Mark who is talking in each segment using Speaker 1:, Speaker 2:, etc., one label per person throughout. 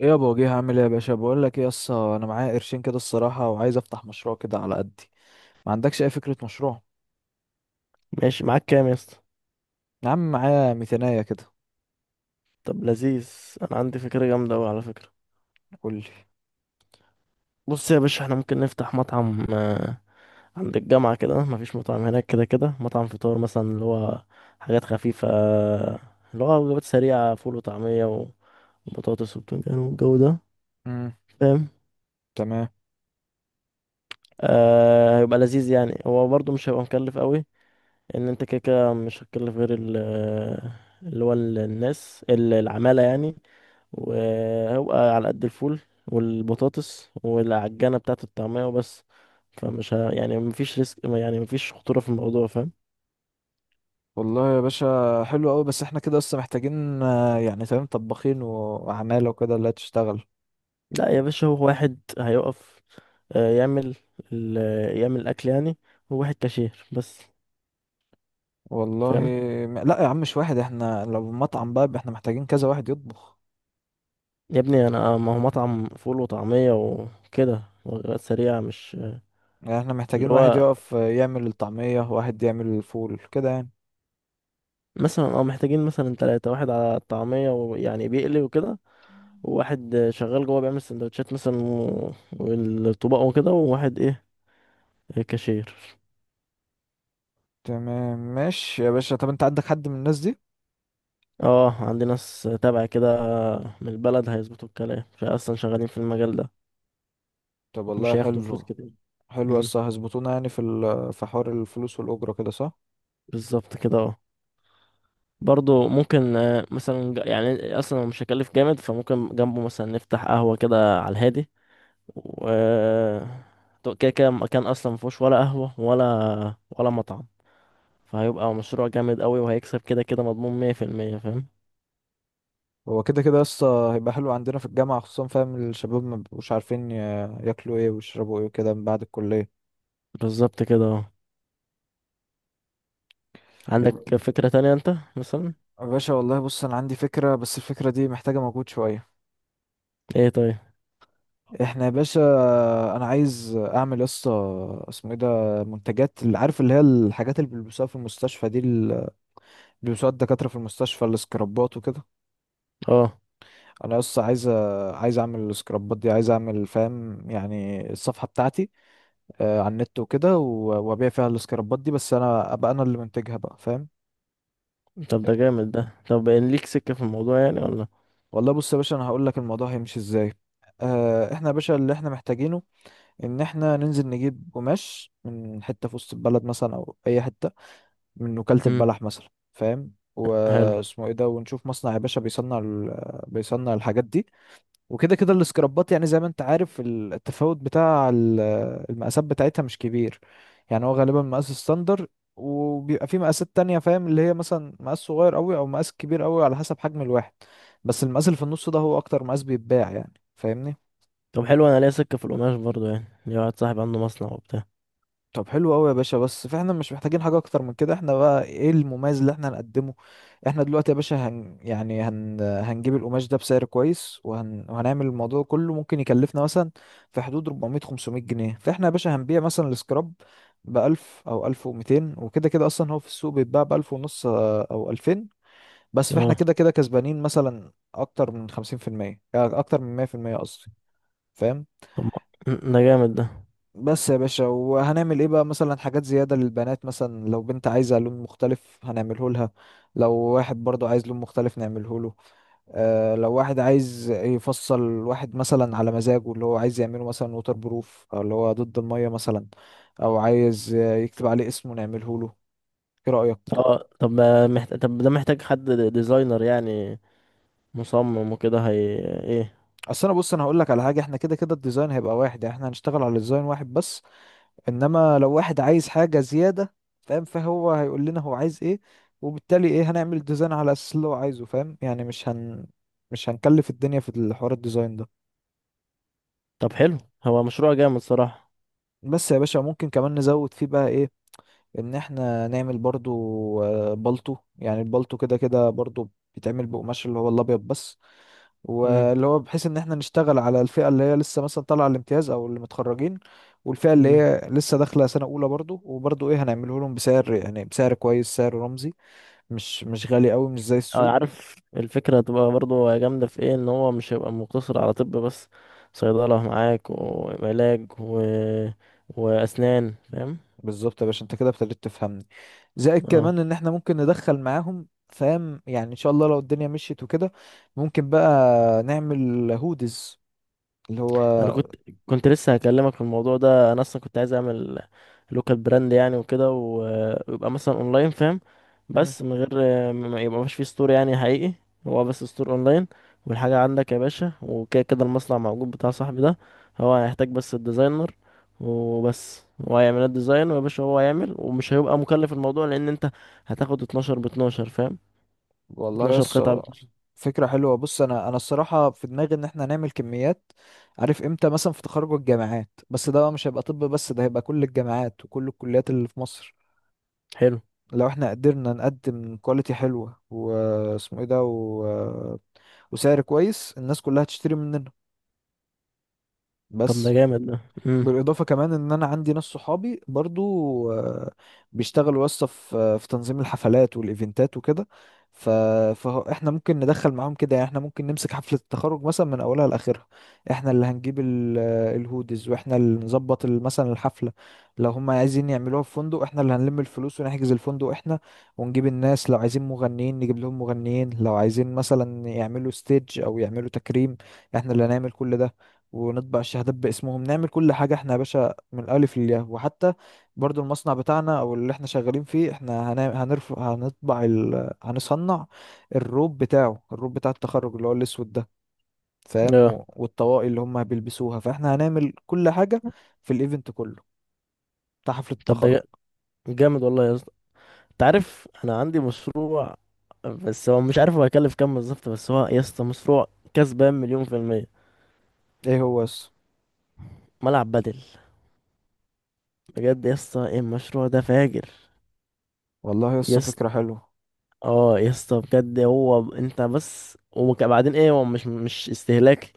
Speaker 1: ايه يا ابو وجيه؟ هعمل ايه يا باشا؟ بقول لك ايه يسا، انا معايا قرشين كده الصراحه وعايز افتح مشروع كده على قدي. ما عندكش اي فكره مشروع؟
Speaker 2: ماشي معاك كام يا اسطى؟
Speaker 1: يا عم معايا ميتينية كده.
Speaker 2: طب لذيذ. انا عندي فكره جامده قوي على فكره.
Speaker 1: قول لي.
Speaker 2: بص يا باشا احنا ممكن نفتح مطعم عند الجامعه كده، مفيش مطعم هناك. كده كده مطعم فطار مثلا، اللي هو حاجات خفيفه، اللي هو وجبات سريعه، فول وطعميه وبطاطس وبتنجان والجو ده.
Speaker 1: امم.
Speaker 2: فاهم؟
Speaker 1: تمام.
Speaker 2: آه، هيبقى لذيذ يعني. هو برضه مش هيبقى مكلف قوي، ان انت كده كده مش هتكلف غير الناس، العماله يعني، وهو على قد الفول والبطاطس والعجانة بتاعة الطعمية وبس. يعني مفيش ريسك، يعني مفيش خطورة في الموضوع. فاهم؟
Speaker 1: والله يا باشا حلو قوي، بس احنا كده لسه محتاجين يعني تمام طباخين وعماله وكده اللي هتشتغل.
Speaker 2: لا يا باشا، هو واحد هيقف يعمل ال... يعمل الأكل يعني. هو واحد كاشير بس.
Speaker 1: والله.
Speaker 2: فاهم؟
Speaker 1: لا يا عم مش واحد، احنا لو مطعم بقى احنا محتاجين كذا واحد يطبخ.
Speaker 2: يا ابني أنا ما هو مطعم فول وطعمية وكده، وجبات سريعة مش
Speaker 1: يعني احنا محتاجين
Speaker 2: اللي
Speaker 1: واحد
Speaker 2: هو.
Speaker 1: يقف يعمل الطعميه، واحد يعمل الفول كده يعني.
Speaker 2: مثلا اه، محتاجين مثلا تلاتة، واحد على الطعمية ويعني بيقلي وكده، واحد شغال جوه بيعمل سندوتشات مثلا والطباق وكده، وواحد ايه، كاشير.
Speaker 1: تمام ماشي يا باشا، طب انت عندك حد من الناس دي؟
Speaker 2: اه عندي ناس تابع كده من البلد هيظبطوا الكلام فاصلا، شغالين في المجال ده.
Speaker 1: طب والله
Speaker 2: مش هياخدوا فلوس
Speaker 1: حلو.
Speaker 2: كتير.
Speaker 1: حلو،
Speaker 2: امم،
Speaker 1: لسه هيظبطونا يعني في حوار الفلوس والأجرة كده، صح؟
Speaker 2: بالظبط كده اه. برضو ممكن مثلا يعني اصلا هو مش هيكلف جامد، فممكن جنبه مثلا نفتح قهوة كده على الهادي و كده كده مكان اصلا مفيهوش ولا قهوة ولا مطعم. فهيبقى مشروع جامد قوي، وهيكسب كده كده، مضمون مية في المية. فاهم؟
Speaker 1: هو كده كده لسه هيبقى حلو عندنا في الجامعة خصوصا، فاهم؟ الشباب ما بيبقوش عارفين ياكلوا ايه ويشربوا ايه كده من بعد الكلية.
Speaker 2: بالظبط كده اه.
Speaker 1: يا
Speaker 2: عندك فكرة تانية انت مثلا؟
Speaker 1: يا باشا والله بص انا عندي فكرة، بس الفكرة دي محتاجة مجهود شوية.
Speaker 2: ايه؟ طيب.
Speaker 1: احنا يا باشا، انا عايز اعمل لسه، اسمه ايه ده، منتجات، اللي عارف اللي هي الحاجات اللي بيلبسوها في المستشفى دي، اللي بيلبسوها الدكاترة في المستشفى، السكرابات وكده.
Speaker 2: اه،
Speaker 1: انا بس عايز، عايز اعمل السكرابات دي، عايز اعمل فاهم يعني الصفحه بتاعتي على النت وكده وابيع فيها السكرابات دي، بس انا ابقى انا اللي منتجها بقى، فاهم؟
Speaker 2: طب ده جامد ده. طب ان ليك سكة في الموضوع يعني ولا؟
Speaker 1: والله بص يا باشا، انا هقول لك الموضوع هيمشي ازاي. احنا يا باشا اللي احنا محتاجينه ان احنا ننزل نجيب قماش من حته في وسط البلد مثلا او اي حته من وكاله
Speaker 2: امم،
Speaker 1: البلح مثلا، فاهم،
Speaker 2: حلو.
Speaker 1: واسمه ايه ده، ونشوف مصنع يا باشا بيصنع بيصنع الحاجات دي. وكده كده السكرابات، يعني زي ما انت عارف التفاوت بتاع المقاسات بتاعتها مش كبير. يعني هو غالبا مقاس ستاندر، وبيبقى في مقاسات تانية، فاهم، اللي هي مثلا مقاس صغير قوي او مقاس كبير قوي على حسب حجم الواحد. بس المقاس اللي في النص ده هو اكتر مقاس بيتباع، يعني فاهمني.
Speaker 2: طب حلو. انا ليا سكة في القماش برضو، يعني ليا واحد صاحبي عنده مصنع وبتاع.
Speaker 1: طب حلو قوي يا باشا، بس فاحنا مش محتاجين حاجة اكتر من كده. احنا بقى ايه المميز اللي احنا هنقدمه؟ احنا دلوقتي يا باشا هن يعني هن هنجيب القماش ده بسعر كويس وهنعمل الموضوع كله، ممكن يكلفنا مثلا في حدود 400 500 جنيه. فاحنا يا باشا هنبيع مثلا السكراب ب 1000 او 1200، وكده كده اصلا هو في السوق بيتباع ب 1000 ونص او 2000. بس فاحنا
Speaker 2: اه،
Speaker 1: كده كده كسبانين مثلا اكتر من 50%، اكتر من 100% قصدي، فاهم؟
Speaker 2: طب ما- م- ده جامد ده.
Speaker 1: بس يا باشا، وهنعمل ايه بقى؟ مثلا حاجات زيادة للبنات، مثلا لو بنت عايزة لون مختلف هنعمله لها، لو واحد برضو عايز لون مختلف نعمله له. آه، لو واحد عايز يفصل واحد مثلا على مزاجه، اللي هو عايز يعمله مثلا ووتر بروف او اللي هو ضد المية مثلا، او عايز يكتب عليه اسمه نعمله له. ايه رأيك؟
Speaker 2: اه، طب ما محت... طب ده محتاج حد ديزاينر يعني، مصمم وكده. هي ايه؟
Speaker 1: اصل انا بص، انا هقول لك على حاجة. احنا كده كده الديزاين هيبقى واحد، يعني احنا هنشتغل على ديزاين واحد بس. انما لو واحد عايز حاجة زيادة، فاهم، فهو هيقول لنا هو عايز ايه، وبالتالي ايه هنعمل ديزاين على اساس اللي هو عايزه، فاهم يعني. مش هنكلف الدنيا في الحوار الديزاين ده.
Speaker 2: طب حلو. هو مشروع جامد صراحة.
Speaker 1: بس يا باشا، ممكن كمان نزود فيه بقى ايه؟ ان احنا نعمل برضو بالطو، يعني البالطو كده كده برضو بيتعمل بقماش اللي هو الابيض بس. واللي هو بحيث ان احنا نشتغل على الفئة اللي هي لسه مثلا طالعة الامتياز او اللي متخرجين، والفئة اللي
Speaker 2: امم.
Speaker 1: هي لسه داخلة سنة أولى برضو. وبرضو إيه، هنعمله لهم بسعر يعني بسعر كويس، سعر رمزي، مش غالي قوي، مش زي
Speaker 2: أو
Speaker 1: السوق.
Speaker 2: عارف الفكرة هتبقى برضو جامدة في ايه؟ ان هو مش هيبقى مقتصر على طب بس، صيدلة معاك وعلاج وأسنان. فاهم؟
Speaker 1: بالظبط يا باشا، انت كده ابتديت تفهمني. زائد
Speaker 2: اه،
Speaker 1: كمان ان احنا ممكن ندخل معاهم، فاهم يعني، ان شاء الله لو الدنيا مشيت وكده، ممكن بقى نعمل هودز اللي هو.
Speaker 2: انا كنت كنت لسه هكلمك في الموضوع ده. انا اصلا كنت عايز اعمل لوكال براند يعني وكده، ويبقى مثلا اونلاين. فاهم؟
Speaker 1: مم.
Speaker 2: بس من غير ما يبقى، مش فيه ستور يعني حقيقي. هو بس ستور اونلاين، والحاجه عندك يا باشا، وكده كده المصنع موجود بتاع صاحبي ده. هو هيحتاج بس الديزاينر وبس، هو هيعمل الديزاين، ويا باشا هو هيعمل ومش هيبقى مكلف الموضوع، لان انت هتاخد 12 ب 12. فاهم؟
Speaker 1: والله
Speaker 2: 12
Speaker 1: يس،
Speaker 2: قطعه ب 12.
Speaker 1: فكرة حلوة. بص انا الصراحة في دماغي ان احنا نعمل كميات، عارف امتى؟ مثلا في تخرج الجامعات، بس ده بقى مش هيبقى طب بس، ده هيبقى كل الجامعات وكل الكليات اللي في مصر.
Speaker 2: حلو.
Speaker 1: لو احنا قدرنا نقدم كواليتي حلوة، واسمه ايه ده، وسعر كويس، الناس كلها هتشتري مننا
Speaker 2: طب ده
Speaker 1: بس.
Speaker 2: جامد ده. امم.
Speaker 1: بالاضافه كمان ان انا عندي ناس صحابي برضو آه، بيشتغلوا يسطا في في تنظيم الحفلات والايفنتات وكده. ف... فاحنا ممكن ندخل معاهم كده، يعني احنا ممكن نمسك حفله التخرج مثلا من اولها لاخرها. احنا اللي هنجيب الهودز، واحنا اللي نظبط مثلا الحفله. لو هم عايزين يعملوها في فندق، احنا اللي هنلم الفلوس ونحجز الفندق احنا، ونجيب الناس. لو عايزين مغنيين نجيب لهم مغنيين، لو عايزين مثلا يعملوا ستيج او يعملوا تكريم، احنا اللي هنعمل كل ده، ونطبع الشهادات باسمهم، نعمل كل حاجة احنا يا باشا من الألف للياء. وحتى برضو المصنع بتاعنا أو اللي احنا شغالين فيه، احنا هنعمل، هنرفع، هنطبع هنصنع الروب بتاعه، الروب بتاع التخرج اللي هو الأسود ده، فاهم،
Speaker 2: اه،
Speaker 1: والطواقي اللي هم بيلبسوها. فاحنا هنعمل كل حاجة في الإيفنت كله بتاع حفلة
Speaker 2: طب ده
Speaker 1: التخرج.
Speaker 2: جا- جامد والله يا اسطى. تعرف انا عندي مشروع؟ بس هو مش عارف هو هيكلف كام بالظبط. بس هو يا اسطى مشروع كسبان مليون في المية:
Speaker 1: ايه هو يس؟
Speaker 2: ملعب بدل. بجد يا اسطى، إيه المشروع ده فاجر!
Speaker 1: والله يس
Speaker 2: يا
Speaker 1: فكرة حلوة.
Speaker 2: اه يا اسطى بجد. هو انت بس، وبعدين ايه، هو مش استهلاك.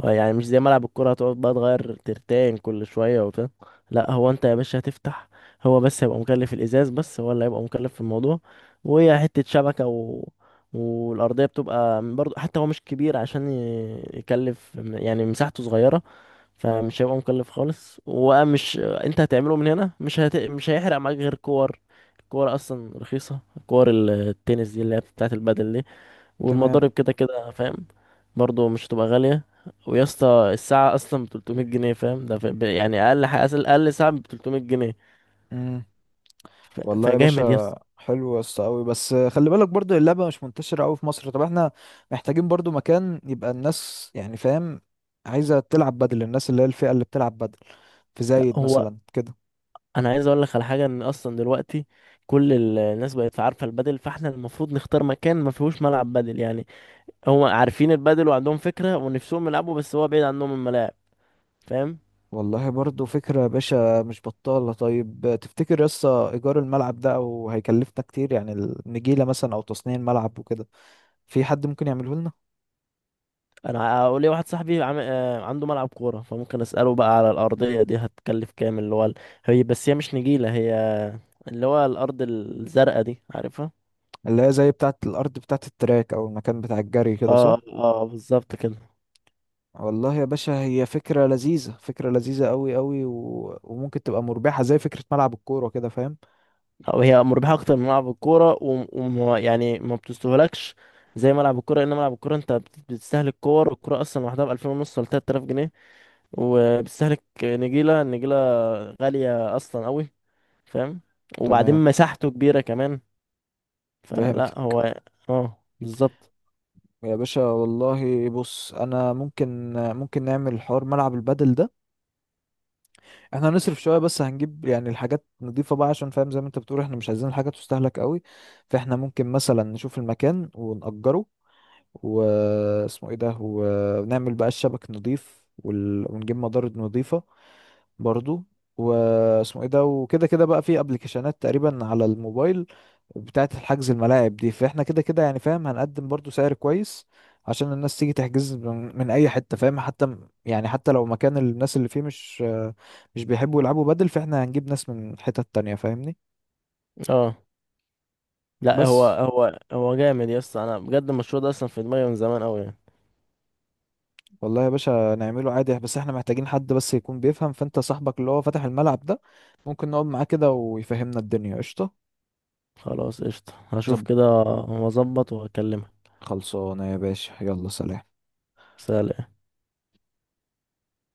Speaker 2: هو يعني مش زي ملعب الكرة، هتقعد بقى تغير ترتين كل شوية وبتاع. لا، هو انت يا باشا هتفتح، هو بس هيبقى مكلف الازاز، بس هو اللي هيبقى مكلف في الموضوع، وهي حتة شبكة. والأرضية بتبقى برضه حتى، هو مش كبير عشان يكلف، يعني مساحته صغيرة. فمش هيبقى مكلف خالص. ومش انت هتعمله من هنا، مش هيحرق معاك غير كور. الكور اصلا رخيصه، كور التنس دي اللي هي بتاعه البدل دي.
Speaker 1: تمام.
Speaker 2: والمضارب كده كده. فاهم؟ برضو مش هتبقى غاليه. ويا اسطى الساعه اصلا ب 300 جنيه. فاهم؟ يعني اقل حاجه، اقل ساعه ب 300 جنيه
Speaker 1: مم.
Speaker 2: ف...
Speaker 1: والله يا
Speaker 2: فجامد يا
Speaker 1: باشا
Speaker 2: اسطى.
Speaker 1: حلو يا اسطى قوي، بس خلي بالك برضو اللعبه مش منتشره قوي في مصر. طب احنا محتاجين برضو مكان يبقى الناس يعني، فاهم، عايزه تلعب بدل، الناس اللي هي الفئه اللي بتلعب بدل، في
Speaker 2: لا،
Speaker 1: زايد
Speaker 2: هو
Speaker 1: مثلا كده.
Speaker 2: انا عايز اقول لك على حاجه. ان اصلا دلوقتي كل الناس بقت عارفه البدل، فاحنا المفروض نختار مكان ما فيهوش ملعب بدل يعني. هم عارفين البادل وعندهم فكرة ونفسهم يلعبوا، بس هو بعيد عنهم الملاعب. فاهم؟
Speaker 1: والله برضو فكره يا باشا مش بطاله. طيب تفتكر يا اسطى ايجار الملعب ده او هيكلفنا كتير؟ يعني النجيله مثلا او تصنيع الملعب وكده، في حد ممكن يعمله لنا؟
Speaker 2: انا هقول لي واحد صاحبي عم... آه، عنده ملعب كورة، فممكن اسأله بقى على الأرضية دي هتكلف كام، اللي هو هي. بس هي مش نجيلة، هي اللي هو الأرض الزرقاء دي، عارفها؟
Speaker 1: اللي هي زي بتاعه الارض بتاعه التراك او المكان بتاع الجري كده،
Speaker 2: اه اه،
Speaker 1: صح؟
Speaker 2: آه، بالظبط كده.
Speaker 1: والله يا باشا هي فكرة لذيذة، فكرة لذيذة قوي قوي، وممكن تبقى مربحة زي فكرة ملعب الكورة كده، فاهم؟
Speaker 2: أو هي مربحة اكتر من ملعب الكورة، ويعني ما بتستهلكش زي ملعب الكورة، لان ملعب الكورة انت بتستهلك كور الكورة اصلا لوحدها ب 2500 ونص ولا 3000 جنيه. وبتستهلك نجيلة. النجيلة غالية اصلا قوي. فاهم؟ وبعدين
Speaker 1: تمام،
Speaker 2: مساحته كبيرة كمان. فلا
Speaker 1: فهمتك.
Speaker 2: هو. اه، بالظبط.
Speaker 1: يا باشا والله بص، انا ممكن، ممكن نعمل حوار ملعب البدل ده. احنا هنصرف شوية، بس هنجيب يعني الحاجات نضيفة بقى، عشان فاهم زي ما انت بتقول احنا مش عايزين الحاجة تستهلك قوي. فاحنا ممكن مثلا نشوف المكان ونأجره، واسمه ايه ده، ونعمل بقى الشبك نضيف ونجيب مضارب نضيفة برضو، واسمه ايه ده. وكده كده بقى في ابلكيشنات تقريبا على الموبايل بتاعة الحجز الملاعب دي، فاحنا كده كده يعني فاهم هنقدم برضو سعر كويس عشان الناس تيجي تحجز من اي حتة، فاهم؟ حتى يعني حتى لو مكان الناس اللي فيه مش بيحبوا يلعبوا بدل، فاحنا هنجيب ناس من حتت تانية، فاهمني؟
Speaker 2: اه، لا هو
Speaker 1: بس.
Speaker 2: هو جامد يا اسطى. انا بجد المشروع ده اصلا في دماغي من زمان قوي يعني.
Speaker 1: والله يا باشا نعمله عادي، بس احنا محتاجين حد بس يكون بيفهم. فانت صاحبك اللي هو فاتح الملعب ده، ممكن نقعد معاه كده ويفهمنا الدنيا، قشطة؟
Speaker 2: خلاص قشطة، هشوف
Speaker 1: زب.
Speaker 2: كده واظبط واكلمك.
Speaker 1: خلصانة يا باشا، يلا سلام.
Speaker 2: سلام.